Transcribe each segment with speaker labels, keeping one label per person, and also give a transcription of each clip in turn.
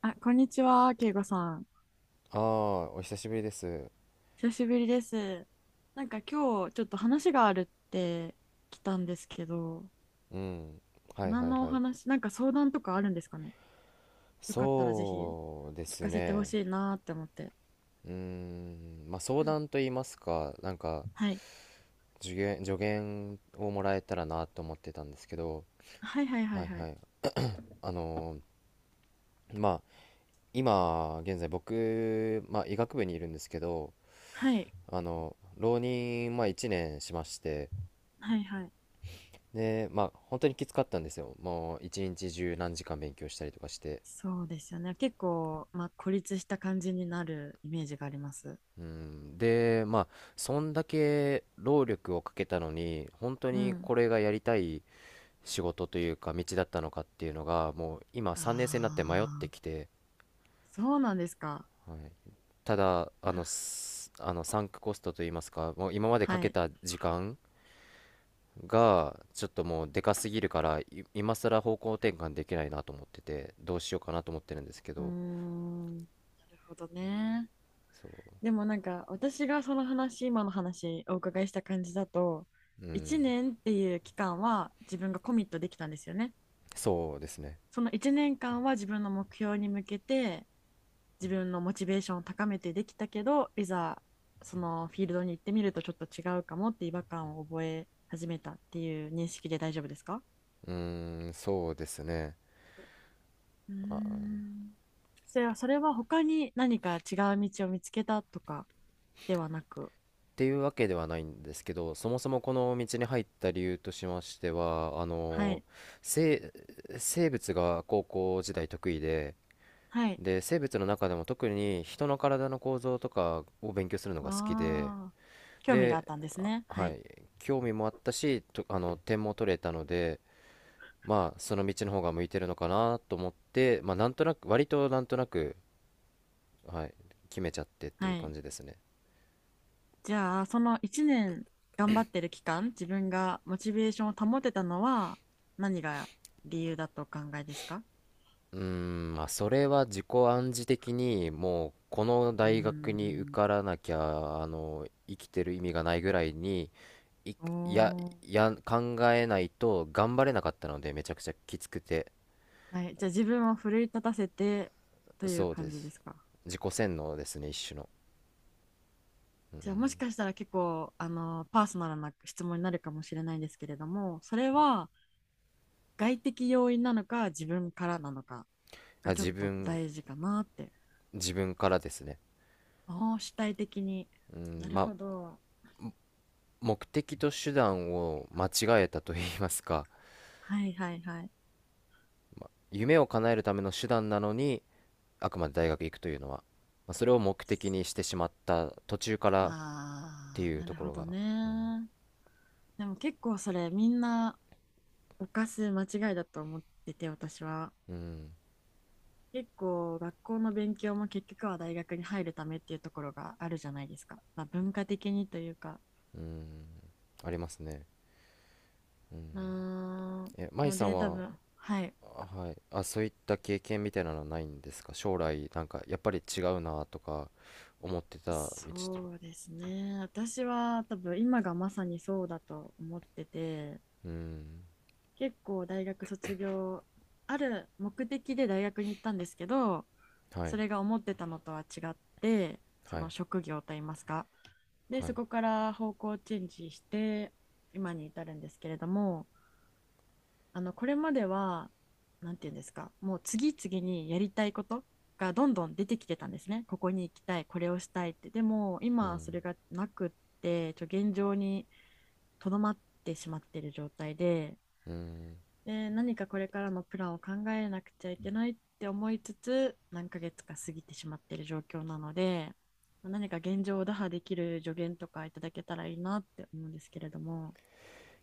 Speaker 1: あ、こんにちは、けいこさん。
Speaker 2: ああ、お久しぶりです。
Speaker 1: 久しぶりです。なんか今日ちょっと話があるって来たんですけど、
Speaker 2: うん。はい
Speaker 1: 何
Speaker 2: はい
Speaker 1: のお
Speaker 2: はい。
Speaker 1: 話、なんか相談とかあるんですかね。よかったらぜひ
Speaker 2: そうで
Speaker 1: 聞
Speaker 2: す
Speaker 1: かせてほ
Speaker 2: ね。
Speaker 1: しいなーって思って。
Speaker 2: うーん。まあ相
Speaker 1: うん、
Speaker 2: 談と言いますか、なんか
Speaker 1: はい。
Speaker 2: 助言をもらえたらなと思ってたんですけど、
Speaker 1: はいはいは
Speaker 2: は
Speaker 1: い
Speaker 2: い
Speaker 1: は
Speaker 2: は
Speaker 1: い。
Speaker 2: い。あのまあ今現在僕、まあ医学部にいるんですけど、
Speaker 1: はい。
Speaker 2: 浪人、まあ1年しまして、
Speaker 1: はいはい。
Speaker 2: で、まあ本当にきつかったんですよ。もう一日中何時間勉強したりとかして。
Speaker 1: そうですよね。結構、まあ、孤立した感じになるイメージがあります。
Speaker 2: うん、で、まあ、そんだけ労力をかけたのに、本当
Speaker 1: う
Speaker 2: にこ
Speaker 1: ん。
Speaker 2: れがやりたい仕事というか、道だったのかっていうのが、もう今、
Speaker 1: あ
Speaker 2: 3年生になって迷って
Speaker 1: あ、
Speaker 2: きて。
Speaker 1: そうなんですか。
Speaker 2: はい、ただ、あの、すあのサンクコストといいますか、もう今までか
Speaker 1: は
Speaker 2: け
Speaker 1: い。
Speaker 2: た時間が、ちょっともうでかすぎるから、今更方向転換できないなと思ってて、どうしようかなと思ってるんですけ
Speaker 1: うー
Speaker 2: ど。
Speaker 1: ん。なるほどね。
Speaker 2: そう、
Speaker 1: でもなんか私がその話今の話お伺いした感じだと
Speaker 2: う
Speaker 1: 1
Speaker 2: ん、
Speaker 1: 年っていう期間は自分がコミットできたんですよね。
Speaker 2: そうですね、
Speaker 1: その1年間は自分の目標に向けて自分のモチベーションを高めてできたけど、いざそのフィールドに行ってみるとちょっと違うかもって違和感を覚え始めたっていう認識で大丈夫ですか？
Speaker 2: うん、そうですね。
Speaker 1: うーん、それは他に何か違う道を見つけたとかではなく。
Speaker 2: っていうわけではないんですけど、そもそもこの道に入った理由としましては、
Speaker 1: はい
Speaker 2: 生、生物が高校時代得意で、
Speaker 1: はい。
Speaker 2: で、生物の中でも特に人の体の構造とかを勉強するのが好きで、
Speaker 1: ああ、興味があっ
Speaker 2: で、
Speaker 1: たんです
Speaker 2: あ、
Speaker 1: ね。は
Speaker 2: は
Speaker 1: い。
Speaker 2: い、興味もあったし、と、点も取れたので、まあ、その道の方が向いてるのかなと思って、まあ、なんとなく、割となんとなく、はい、決めちゃってってい
Speaker 1: は
Speaker 2: う感
Speaker 1: い。
Speaker 2: じですね。
Speaker 1: じゃあ、その1年頑張ってる期間、自分がモチベーションを保てたのは何が理由だとお考えですか？
Speaker 2: うーん、まあ、それは自己暗示的にもうこの
Speaker 1: う
Speaker 2: 大学
Speaker 1: ー
Speaker 2: に受
Speaker 1: ん。
Speaker 2: からなきゃ生きてる意味がないぐらいにい、や、
Speaker 1: おー。
Speaker 2: 考えないと頑張れなかったのでめちゃくちゃきつくて。
Speaker 1: はい。じゃあ、自分を奮い立たせてという
Speaker 2: そうで
Speaker 1: 感じ
Speaker 2: す、
Speaker 1: ですか？
Speaker 2: 自己洗脳ですね一種の。うん、
Speaker 1: じゃあ、もしかしたら結構、パーソナルな質問になるかもしれないんですけれども、それは外的要因なのか自分からなのか
Speaker 2: あ、
Speaker 1: がちょっ
Speaker 2: 自
Speaker 1: と
Speaker 2: 分
Speaker 1: 大事かなって。
Speaker 2: 自分からですね。
Speaker 1: ああ、主体的に。
Speaker 2: うん、
Speaker 1: なる
Speaker 2: ま
Speaker 1: ほど。
Speaker 2: あ目的と手段を間違えたと言いますか、
Speaker 1: はいはいはい。
Speaker 2: 夢を叶えるための手段なのにあくまで大学行くというのは、まあ、それを目的にしてしまった途中からって
Speaker 1: ああ、
Speaker 2: いう
Speaker 1: な
Speaker 2: と
Speaker 1: る
Speaker 2: こ
Speaker 1: ほ
Speaker 2: ろ
Speaker 1: ど
Speaker 2: が。
Speaker 1: ね。でも結構それみんな犯す間違いだと思ってて、私は。
Speaker 2: うん、
Speaker 1: 結構学校の勉強も結局は大学に入るためっていうところがあるじゃないですか。まあ、文化的にというか。
Speaker 2: うん、ありますね。う
Speaker 1: うー
Speaker 2: ん。
Speaker 1: ん。
Speaker 2: え、舞
Speaker 1: の
Speaker 2: さん
Speaker 1: で多
Speaker 2: は、
Speaker 1: 分、はい。
Speaker 2: はい、あ、そういった経験みたいなのはないんですか、将来、なんか、やっぱり違うなとか、思ってた道と。
Speaker 1: そうですね。私は多分今がまさにそうだと思ってて。
Speaker 2: うん、
Speaker 1: 結構大学卒業、ある目的で大学に行ったんですけど、
Speaker 2: は
Speaker 1: そ
Speaker 2: い、
Speaker 1: れが思ってたのとは違って、そ
Speaker 2: は
Speaker 1: の
Speaker 2: い、
Speaker 1: 職業といいますか、で
Speaker 2: はい、
Speaker 1: そこから方向チェンジして今に至るんですけれども、これまでは、なんていうんですか、もう次々にやりたいことがどんどん出てきてたんですね。ここに行きたい、これをしたいって。でも
Speaker 2: う
Speaker 1: 今
Speaker 2: ん、
Speaker 1: それがなくって、現状にとどまってしまっている状態で、
Speaker 2: うん。
Speaker 1: で何かこれからのプランを考えなくちゃいけないって思いつつ何ヶ月か過ぎてしまっている状況なので、何か現状を打破できる助言とかいただけたらいいなって思うんですけれども。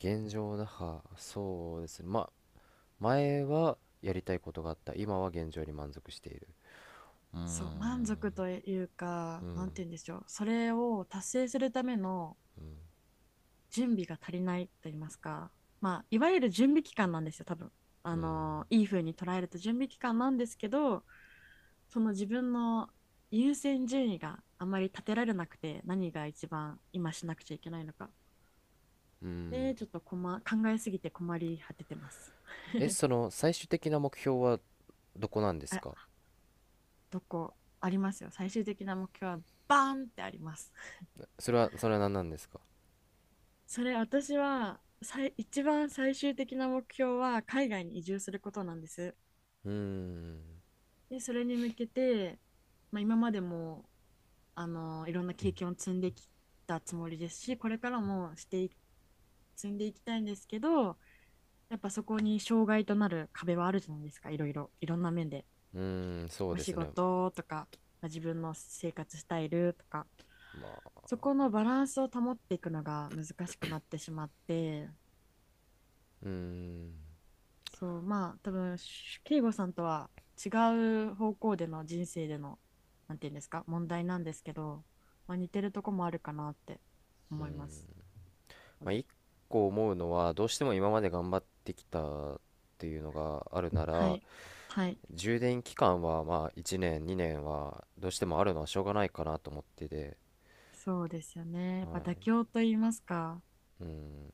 Speaker 2: 現状打破、そうですね。まあ、前はやりたいことがあった。今は現状に満足している。う
Speaker 1: そう、
Speaker 2: ん、
Speaker 1: 満足という
Speaker 2: う
Speaker 1: か何
Speaker 2: ん、
Speaker 1: て言うんでしょう、それを達成するための
Speaker 2: うん、
Speaker 1: 準備が足りないと言いますか、まあいわゆる準備期間なんですよ、多分。
Speaker 2: うん。
Speaker 1: いい風に捉えると準備期間なんですけど、その自分の優先順位があまり立てられなくて、何が一番今しなくちゃいけないのか。
Speaker 2: うん。
Speaker 1: で、ちょっと考えすぎて困り果ててます。
Speaker 2: え、その最終的な目標はどこなんです
Speaker 1: あ、
Speaker 2: か？
Speaker 1: どこありますよ。最終的な目標はバーンってあります。
Speaker 2: それは何なんですか？
Speaker 1: それ、私は一番最終的な目標は海外に移住することなんです。
Speaker 2: うーん。
Speaker 1: で、それに向けて、まあ、今までもいろんな経験を積んできたつもりですし、これからも積んでいきたいんですけど、やっぱそこに障害となる壁はあるじゃないですか、いろいろ、いろんな面で。
Speaker 2: うーん、そう
Speaker 1: お
Speaker 2: で
Speaker 1: 仕
Speaker 2: すね。
Speaker 1: 事とか、まあ自分の生活スタイルとか、
Speaker 2: まあ、
Speaker 1: そこのバランスを保っていくのが難しくなってしまって、
Speaker 2: うーん。
Speaker 1: そう、まあ、多分、慶吾さんとは違う方向での人生での、なんていうんですか、問題なんですけど、まあ、似てるとこもあるかなって思いますの
Speaker 2: まあ、一
Speaker 1: で。
Speaker 2: 個思うのは、どうしても今まで頑張ってきたっていうのがあるな
Speaker 1: は
Speaker 2: ら、
Speaker 1: い、はい、
Speaker 2: 充電期間はまあ1年、2年はどうしてもあるのはしょうがないかなと思ってて。
Speaker 1: そうですよね。やっぱ妥
Speaker 2: は
Speaker 1: 協と言いますか、
Speaker 2: い。うん。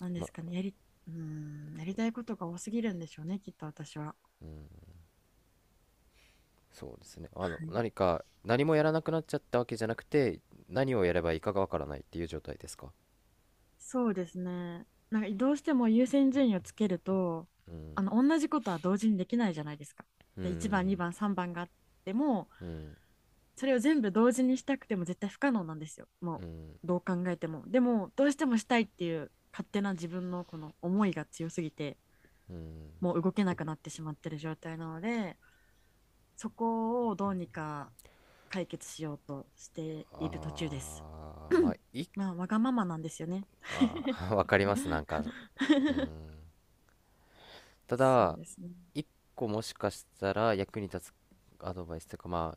Speaker 1: なんで
Speaker 2: まあ、
Speaker 1: すかね、やりたいことが多すぎるんでしょうね、きっと私は。
Speaker 2: そうですね。
Speaker 1: はい、
Speaker 2: 何か、何もやらなくなっちゃったわけじゃなくて、何をやればいいかがわからないっていう状態ですか？
Speaker 1: そうですね。なんかどうしても優先順位をつけると、
Speaker 2: うん、
Speaker 1: 同じことは同時にできないじゃないですか。
Speaker 2: う
Speaker 1: で、1番、
Speaker 2: ん、
Speaker 1: 2番、3番があっても、
Speaker 2: うん、
Speaker 1: それを全部同時にしたくても絶対不可能なんですよ。
Speaker 2: う
Speaker 1: も
Speaker 2: ん、
Speaker 1: う、どう考えても。でも、どうしてもしたいっていう勝手な自分のこの思いが強すぎて、
Speaker 2: うん。
Speaker 1: もう動けなくなってしまってる状態なので、そこをどうにか解決しようとしている途中です
Speaker 2: ああ、まあ、
Speaker 1: まあ、わがままなんですよね
Speaker 2: ああ、 わかります、なんか。う ん、た
Speaker 1: そう
Speaker 2: だ
Speaker 1: ですね。
Speaker 2: 一個もしかしたら役に立つアドバイスというか、ま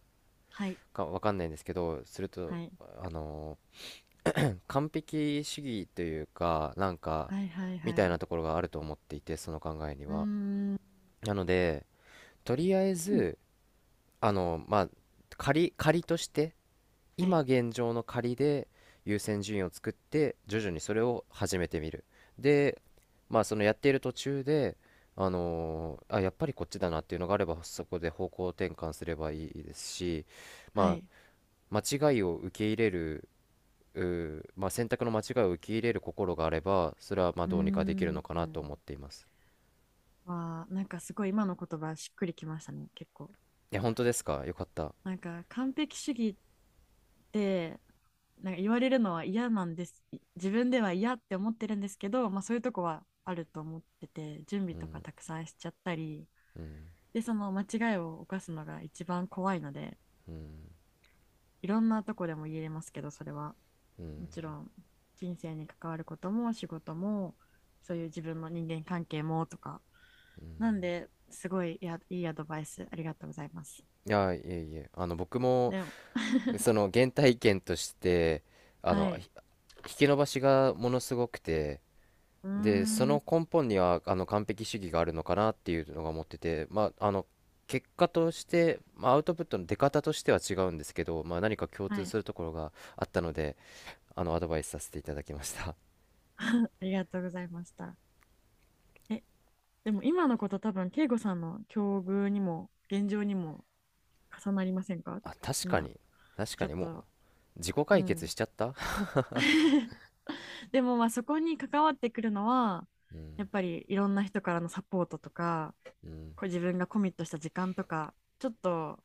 Speaker 1: はい、
Speaker 2: あわかんないんですけど、すると、
Speaker 1: はい、
Speaker 2: 完璧主義というか、なんか
Speaker 1: はい、はい、
Speaker 2: み
Speaker 1: は
Speaker 2: たいな
Speaker 1: い。
Speaker 2: ところがあると思っていて、その考えに
Speaker 1: うー
Speaker 2: は。
Speaker 1: ん、
Speaker 2: なので、とりあえず、まあ仮として、
Speaker 1: は
Speaker 2: 今
Speaker 1: い、
Speaker 2: 現状の仮で優先順位を作って徐々にそれを始めてみる。で、まあ、そのやっている途中で、あ、やっぱりこっちだなっていうのがあれば、そこで方向転換すればいいですし、
Speaker 1: は
Speaker 2: まあ
Speaker 1: い。
Speaker 2: 間違いを受け入れる、うまあ、選択の間違いを受け入れる心があればそれはまあ
Speaker 1: うー
Speaker 2: どうにかできる
Speaker 1: ん。
Speaker 2: のかなと思っています。
Speaker 1: わあ、なんかすごい今の言葉しっくりきましたね、結構。
Speaker 2: いや、本当ですか、よかった。
Speaker 1: なんか完璧主義でなんか言われるのは嫌なんです。自分では嫌って思ってるんですけど、まあ、そういうとこはあると思ってて、準
Speaker 2: う
Speaker 1: 備とか
Speaker 2: ん、
Speaker 1: たくさんしちゃったり
Speaker 2: うん、
Speaker 1: で、その間違いを犯すのが一番怖いので、
Speaker 2: うん、
Speaker 1: いろんなとこでも言えますけど、それは
Speaker 2: うん。
Speaker 1: もちろん人生に関わることも仕事も、そういう自分の人間関係もとか。なんですごい、いや、いいアドバイスありがとうございます。
Speaker 2: いや、いえ、いえ、僕も
Speaker 1: でも
Speaker 2: そ の原体験として、あ
Speaker 1: は
Speaker 2: の
Speaker 1: い、
Speaker 2: ひ引き伸ばしがものすごくて、
Speaker 1: うー
Speaker 2: でそ
Speaker 1: ん、
Speaker 2: の根本には完璧主義があるのかなっていうのが思ってて、まあ、結果として、まあ、アウトプットの出方としては違うんですけど、まあ、何か共
Speaker 1: は
Speaker 2: 通
Speaker 1: い、
Speaker 2: するところがあったので、アドバイスさせていただきました。
Speaker 1: ありがとうございました。え、でも今のこと多分、慶吾さんの境遇にも、現状にも重なりませんか？
Speaker 2: あ、確か
Speaker 1: まあ
Speaker 2: に。確
Speaker 1: ち
Speaker 2: か
Speaker 1: ょっ
Speaker 2: にもう
Speaker 1: と、
Speaker 2: 自己
Speaker 1: う
Speaker 2: 解決
Speaker 1: ん
Speaker 2: しちゃった。
Speaker 1: でもまあそこに関わってくるのは、
Speaker 2: うん、
Speaker 1: やっぱりいろんな人からのサポートとか、
Speaker 2: うん。
Speaker 1: こう自分がコミットした時間とか、ちょっと、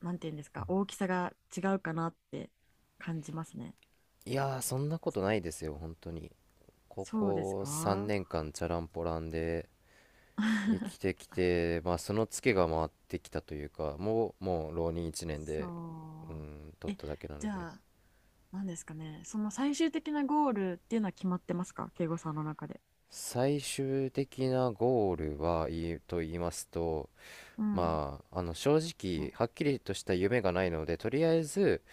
Speaker 1: なんていうんですか、大きさが違うかなって感じますね。
Speaker 2: いやー、そんなことないですよ本当に。こ
Speaker 1: そうです
Speaker 2: こ3
Speaker 1: か
Speaker 2: 年間チャランポランで生きて きて、まあ、そのツケが回ってきたというか、もう浪人1年で、う
Speaker 1: そ
Speaker 2: ん、取
Speaker 1: う。
Speaker 2: っ
Speaker 1: え、
Speaker 2: ただけなの
Speaker 1: じゃ
Speaker 2: で。
Speaker 1: あ、なんですかね、その最終的なゴールっていうのは決まってますか、敬語さんの中で？
Speaker 2: 最終的なゴールはい、と言いますと、
Speaker 1: うん。
Speaker 2: まあ、正直はっきりとした夢がないのでとりあえず、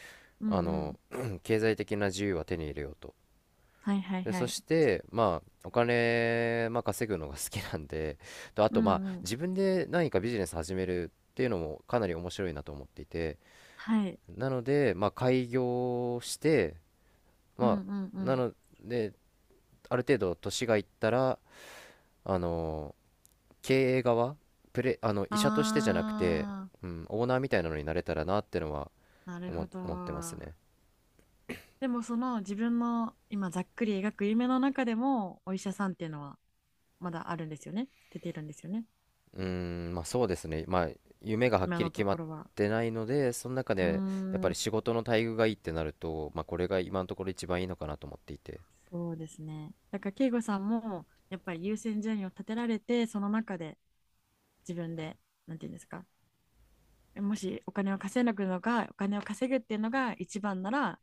Speaker 1: うんう
Speaker 2: あ
Speaker 1: ん。
Speaker 2: の 経済的な自由は手に入れようと。
Speaker 1: はいはい
Speaker 2: で
Speaker 1: は
Speaker 2: そ
Speaker 1: い。
Speaker 2: してまあお金、まあ、稼ぐのが好きなんで、と、あ
Speaker 1: う
Speaker 2: と、まあ
Speaker 1: んうん。
Speaker 2: 自分で何かビジネス始めるっていうのもかなり面白いなと思っていて、
Speaker 1: はい。
Speaker 2: なので、まあ、開業して、
Speaker 1: うん
Speaker 2: ま
Speaker 1: うんう
Speaker 2: あ、な
Speaker 1: ん。
Speaker 2: ので、ある程度年がいったら、あの、経営側、プレ、あの、医者としてじゃなくて、
Speaker 1: あ
Speaker 2: うん、オーナーみたいなのになれたらなってのは、
Speaker 1: ー、なる
Speaker 2: 思、
Speaker 1: ほど。
Speaker 2: 思ってますね。
Speaker 1: でもその自分の今ざっくり描く夢の中でもお医者さんっていうのはまだあるんですよね。出ているんですよね。
Speaker 2: うーん、まあそうですね。まあ、夢がはっ
Speaker 1: 今
Speaker 2: きり
Speaker 1: のと
Speaker 2: 決ま
Speaker 1: こ
Speaker 2: っ
Speaker 1: ろは。
Speaker 2: てないので、その中
Speaker 1: うー
Speaker 2: で、やっぱ
Speaker 1: ん、
Speaker 2: り仕事の待遇がいいってなると、まあこれが今のところ一番いいのかなと思っていて。
Speaker 1: そうですね。だから慶吾さんもやっぱり優先順位を立てられて、その中で自分で、なんていうんですか、もしお金を稼ぐのがお金を稼ぐっていうのが一番なら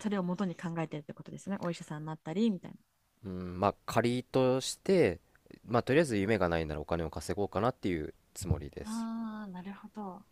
Speaker 1: それを元に考えてるってことですね、お医者さんになったりみたいな。
Speaker 2: うん、まあ仮として、まあとりあえず夢がないならお金を稼ごうかなっていうつもりです。
Speaker 1: ああ、なるほど。